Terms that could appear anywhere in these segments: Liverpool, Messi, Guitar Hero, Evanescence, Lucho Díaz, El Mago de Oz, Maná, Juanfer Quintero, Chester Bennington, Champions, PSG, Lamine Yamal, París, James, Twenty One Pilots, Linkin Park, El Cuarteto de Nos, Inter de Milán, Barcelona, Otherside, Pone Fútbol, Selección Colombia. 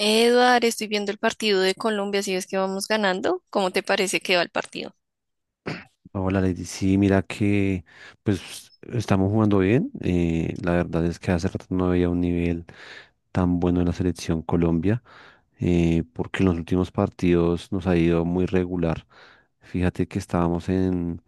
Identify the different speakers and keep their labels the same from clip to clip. Speaker 1: Eduard, estoy viendo el partido de Colombia, si ves que vamos ganando, ¿cómo te parece que va el partido?
Speaker 2: Hola Lady, sí, mira que pues estamos jugando bien. La verdad es que hace rato no había un nivel tan bueno en la selección Colombia, porque en los últimos partidos nos ha ido muy regular. Fíjate que estábamos en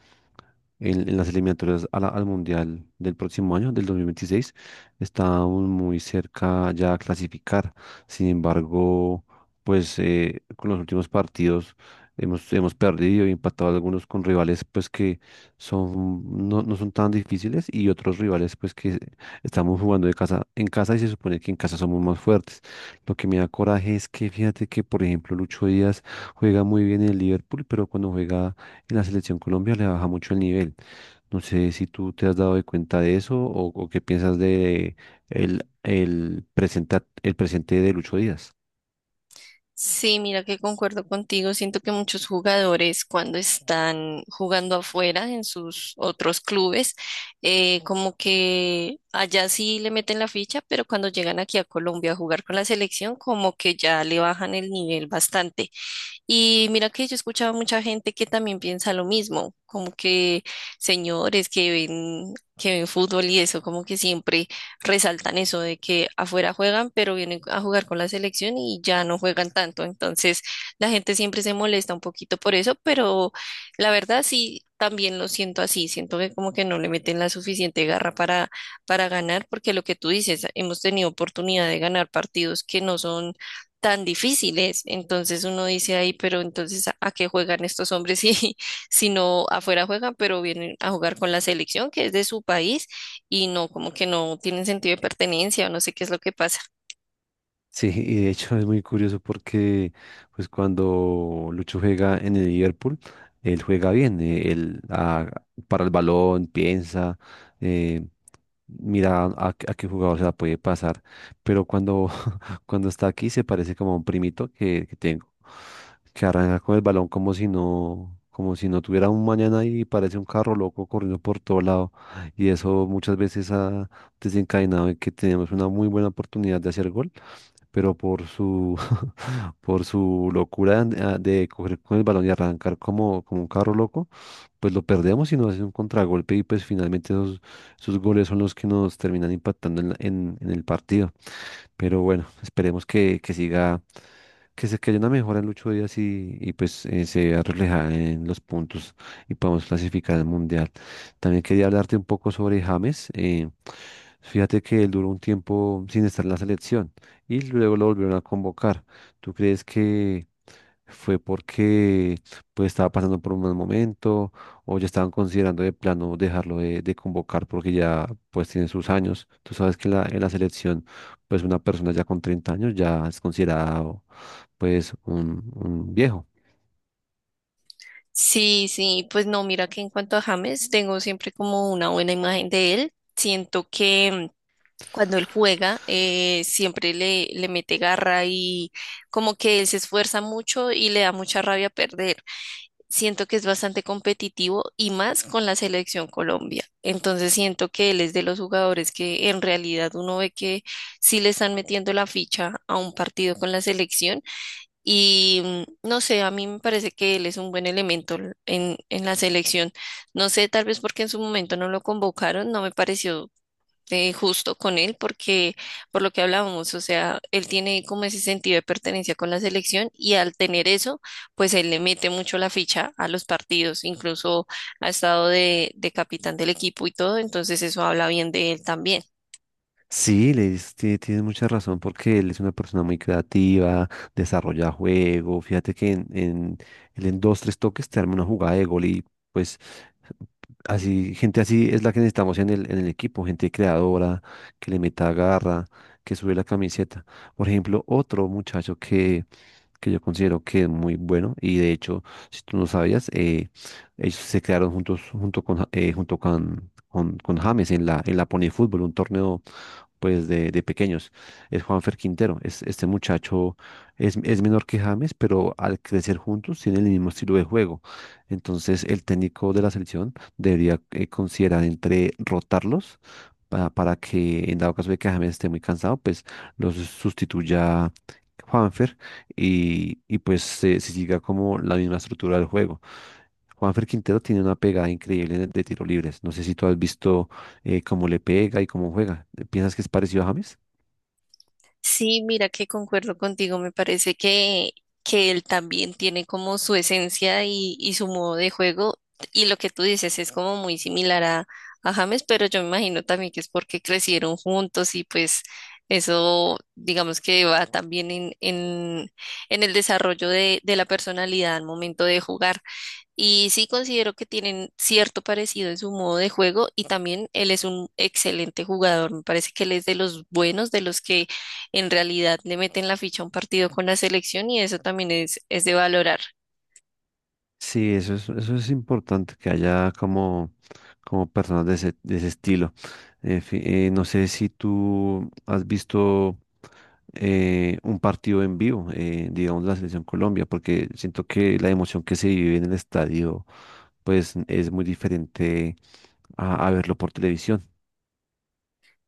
Speaker 2: en, en las eliminatorias al Mundial del próximo año, del 2026. Estábamos muy cerca ya a clasificar. Sin embargo, pues con los últimos partidos hemos perdido y empatado algunos con rivales pues que son, no, no son tan difíciles, y otros rivales pues que estamos jugando de casa en casa y se supone que en casa somos más fuertes. Lo que me da coraje es que, fíjate que, por ejemplo, Lucho Díaz juega muy bien en el Liverpool, pero cuando juega en la selección Colombia le baja mucho el nivel. No sé si tú te has dado de cuenta de eso, o qué piensas de el presente de Lucho Díaz.
Speaker 1: Sí, mira que concuerdo contigo. Siento que muchos jugadores cuando están jugando afuera en sus otros clubes, como que allá sí le meten la ficha, pero cuando llegan aquí a Colombia a jugar con la selección, como que ya le bajan el nivel bastante. Y mira que yo he escuchado mucha gente que también piensa lo mismo, como que señores que ven fútbol y eso, como que siempre resaltan eso de que afuera juegan, pero vienen a jugar con la selección y ya no juegan tanto. Entonces, la gente siempre se molesta un poquito por eso, pero la verdad sí, también lo siento así, siento que como que no le meten la suficiente garra para ganar, porque lo que tú dices, hemos tenido oportunidad de ganar partidos que no son tan difíciles. Entonces uno dice ahí, pero entonces a qué juegan estos hombres si, si no afuera juegan, pero vienen a jugar con la selección que es de su país y no, como que no tienen sentido de pertenencia o no sé qué es lo que pasa?
Speaker 2: Sí, y de hecho es muy curioso porque pues cuando Lucho juega en el Liverpool, él juega bien, él para el balón, piensa, eh, mira a qué jugador se la puede pasar, pero cuando está aquí se parece como a un primito que tengo, que arranca con el balón como si no tuviera un mañana, y parece un carro loco corriendo por todo lado. Y eso muchas veces ha desencadenado en que tenemos una muy buena oportunidad de hacer gol, pero por su, por su locura de, de coger con el balón y arrancar como, como un carro loco, pues lo perdemos y nos hace un contragolpe, y pues finalmente esos, esos goles son los que nos terminan impactando en en el partido. Pero bueno, esperemos que siga, que haya una mejora en Lucho Díaz, y pues se vea reflejada en los puntos y podamos clasificar al Mundial. También quería hablarte un poco sobre James. Fíjate que él duró un tiempo sin estar en la selección y luego lo volvieron a convocar. ¿Tú crees que fue porque pues estaba pasando por un mal momento, o ya estaban considerando de plano dejarlo de convocar porque ya pues tiene sus años? Tú sabes que en la selección pues una persona ya con 30 años ya es considerado pues un viejo.
Speaker 1: Sí, sí, pues no, mira que en cuanto a James, tengo siempre como una buena imagen de él. Siento que cuando él juega, siempre le mete garra y como que él se esfuerza mucho y le da mucha rabia perder. Siento que es bastante competitivo y más con la selección Colombia. Entonces siento que él es de los jugadores que en realidad uno ve que sí le están metiendo la ficha a un partido con la selección y no sé, a mí me parece que él es un buen elemento en la selección. No sé, tal vez porque en su momento no lo convocaron, no me pareció justo con él porque por lo que hablábamos, o sea, él tiene como ese sentido de pertenencia con la selección y al tener eso, pues él le mete mucho la ficha a los partidos, incluso ha estado de capitán del equipo y todo, entonces eso habla bien de él también.
Speaker 2: Sí, le dices, tienes mucha razón porque él es una persona muy creativa, desarrolla juego, fíjate que en, él en dos, tres toques te arma una jugada de gol, y pues así, gente así es la que necesitamos en el equipo, gente creadora, que le meta garra, que sube la camiseta. Por ejemplo, otro muchacho que yo considero que es muy bueno. Y de hecho, si tú no sabías, ellos se quedaron juntos junto con, junto con James en la Pone Fútbol, un torneo pues de pequeños, es Juanfer Quintero. Es, este muchacho es menor que James, pero al crecer juntos tienen el mismo estilo de juego. Entonces el técnico de la selección debería considerar entre rotarlos, para que en dado caso de que James esté muy cansado, pues los sustituya Juanfer, y pues se siga como la misma estructura del juego. Juanfer Quintero tiene una pegada increíble de tiro libres. No sé si tú has visto cómo le pega y cómo juega. ¿Piensas que es parecido a James?
Speaker 1: Sí, mira que concuerdo contigo, me parece que él también tiene como su esencia y su modo de juego y lo que tú dices es como muy similar a James, pero yo me imagino también que es porque crecieron juntos y pues eso digamos que va también en el desarrollo de la personalidad al momento de jugar. Y sí considero que tienen cierto parecido en su modo de juego y también él es un excelente jugador. Me parece que él es de los buenos, de los que en realidad le meten la ficha a un partido con la selección y eso también es de valorar.
Speaker 2: Sí, eso es importante, que haya como, como personas de ese estilo. No sé si tú has visto un partido en vivo, digamos la Selección Colombia, porque siento que la emoción que se vive en el estadio, pues es muy diferente a verlo por televisión.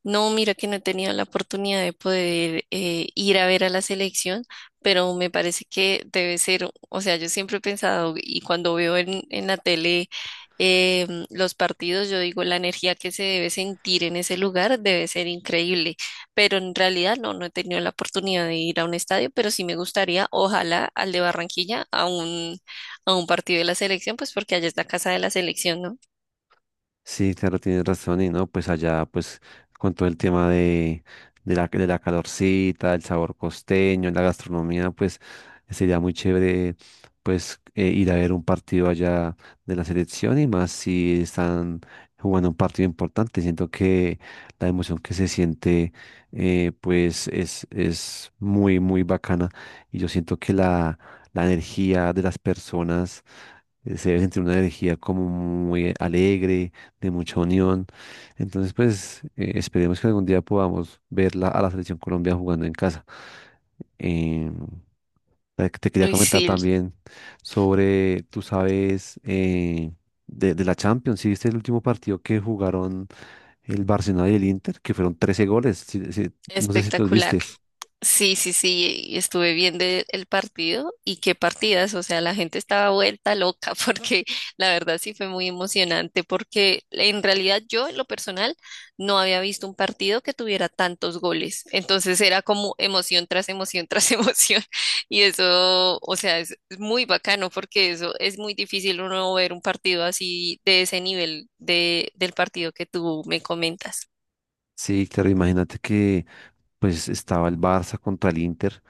Speaker 1: No, mira que no he tenido la oportunidad de poder ir a ver a la selección, pero me parece que debe ser, o sea, yo siempre he pensado y cuando veo en la tele los partidos, yo digo, la energía que se debe sentir en ese lugar debe ser increíble, pero en realidad no, no he tenido la oportunidad de ir a un estadio, pero sí me gustaría, ojalá, al de Barranquilla, a un partido de la selección, pues porque allá es la casa de la selección, ¿no?
Speaker 2: Sí, claro, tienes razón, y no, pues allá, pues, con todo el tema de la calorcita, el sabor costeño, la gastronomía, pues, sería muy chévere, pues, ir a ver un partido allá de la selección, y más si están jugando un partido importante. Siento que la emoción que se siente, pues, es muy, muy bacana, y yo siento que la energía de las personas se debe sentir una energía como muy alegre, de mucha unión. Entonces, pues esperemos que algún día podamos verla a la selección Colombia jugando en casa. Eh, te quería
Speaker 1: Uy,
Speaker 2: comentar
Speaker 1: sí,
Speaker 2: también sobre, tú sabes, de la Champions, si viste el último partido que jugaron el Barcelona y el Inter, que fueron 13 goles. No sé si tú los
Speaker 1: espectacular.
Speaker 2: vistes.
Speaker 1: Sí, sí, sí, y estuve viendo el partido y qué partidas, o sea, la gente estaba vuelta loca porque la verdad sí fue muy emocionante porque en realidad yo en lo personal no había visto un partido que tuviera tantos goles, entonces era como emoción tras emoción y eso, o sea, es muy bacano porque eso es muy difícil uno ver un partido así de ese nivel del partido que tú me comentas.
Speaker 2: Sí, claro, imagínate que pues estaba el Barça contra el Inter.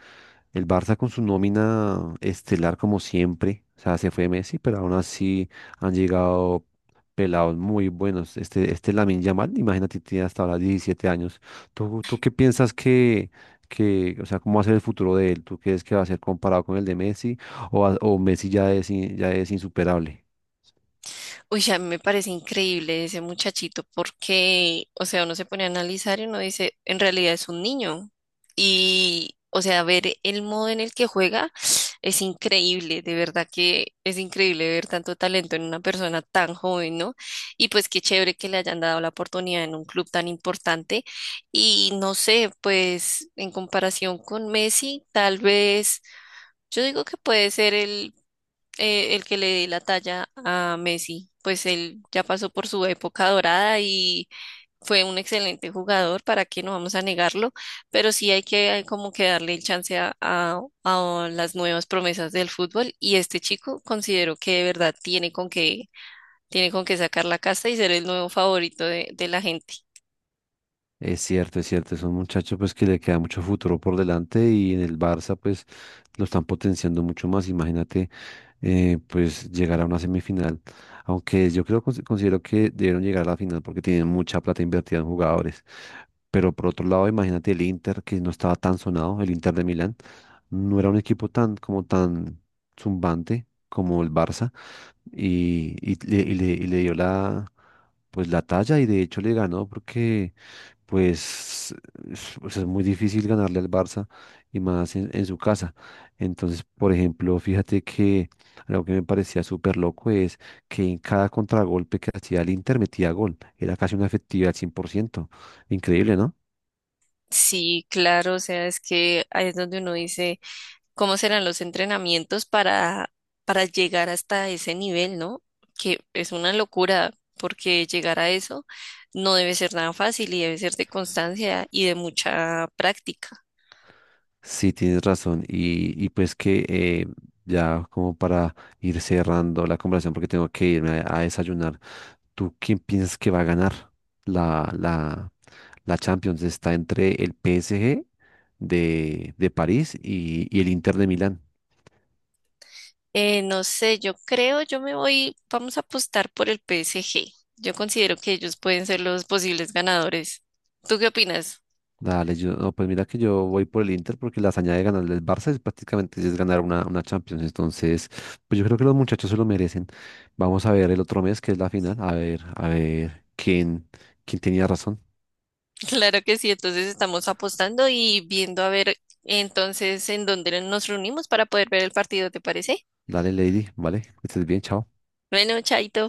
Speaker 2: El Barça con su nómina estelar como siempre, o sea, se fue Messi, pero aún así han llegado pelados muy buenos. Este Lamine Yamal, imagínate, tiene hasta ahora 17 años. ¿Tú, tú qué piensas que, o sea, cómo va a ser el futuro de él? ¿Tú crees que va a ser comparado con el de Messi, o Messi ya es, ya es insuperable?
Speaker 1: Uy, a mí me parece increíble ese muchachito porque, o sea, uno se pone a analizar y uno dice, en realidad es un niño. Y, o sea, ver el modo en el que juega es increíble, de verdad que es increíble ver tanto talento en una persona tan joven, ¿no? Y pues qué chévere que le hayan dado la oportunidad en un club tan importante. Y no sé, pues en comparación con Messi, tal vez, yo digo que puede ser el que le dé la talla a Messi, pues él ya pasó por su época dorada y fue un excelente jugador, para qué no vamos a negarlo, pero sí hay que hay como que darle el chance a las nuevas promesas del fútbol y este chico considero que de verdad tiene con qué sacar la casta y ser el nuevo favorito de la gente.
Speaker 2: Es cierto, es cierto, es un muchacho pues que le queda mucho futuro por delante, y en el Barça pues lo están potenciando mucho más. Imagínate, pues llegar a una semifinal, aunque yo creo considero que debieron llegar a la final porque tienen mucha plata invertida en jugadores. Pero por otro lado, imagínate el Inter, que no estaba tan sonado, el Inter de Milán no era un equipo tan como tan zumbante como el Barça, y le, y le dio la pues la talla, y de hecho le ganó, porque pues, pues es muy difícil ganarle al Barça, y más en su casa. Entonces, por ejemplo, fíjate que algo que me parecía súper loco es que en cada contragolpe que hacía el Inter metía gol. Era casi una efectividad al 100%. Increíble, ¿no?
Speaker 1: Sí, claro, o sea, es que ahí es donde uno dice, cómo serán los entrenamientos para llegar hasta ese nivel, ¿no? Que es una locura, porque llegar a eso no debe ser nada fácil y debe ser de constancia y de mucha práctica.
Speaker 2: Sí, tienes razón. Y pues que ya como para ir cerrando la conversación, porque tengo que irme a desayunar, ¿tú quién piensas que va a ganar la, la, la Champions? Está entre el PSG de París, y el Inter de Milán.
Speaker 1: No sé, yo creo, yo me voy, vamos a apostar por el PSG. Yo considero que ellos pueden ser los posibles ganadores. ¿Tú qué opinas?
Speaker 2: Dale, yo, no, pues mira que yo voy por el Inter porque la hazaña de ganarle al Barça es prácticamente es ganar una Champions. Entonces, pues yo creo que los muchachos se lo merecen. Vamos a ver el otro mes que es la final. A ver quién, quién tenía razón.
Speaker 1: Claro que sí, entonces estamos apostando y viendo a ver entonces en dónde nos reunimos para poder ver el partido, ¿te parece?
Speaker 2: Dale, Lady, ¿vale? Que estés bien, chao.
Speaker 1: Bueno, chaito.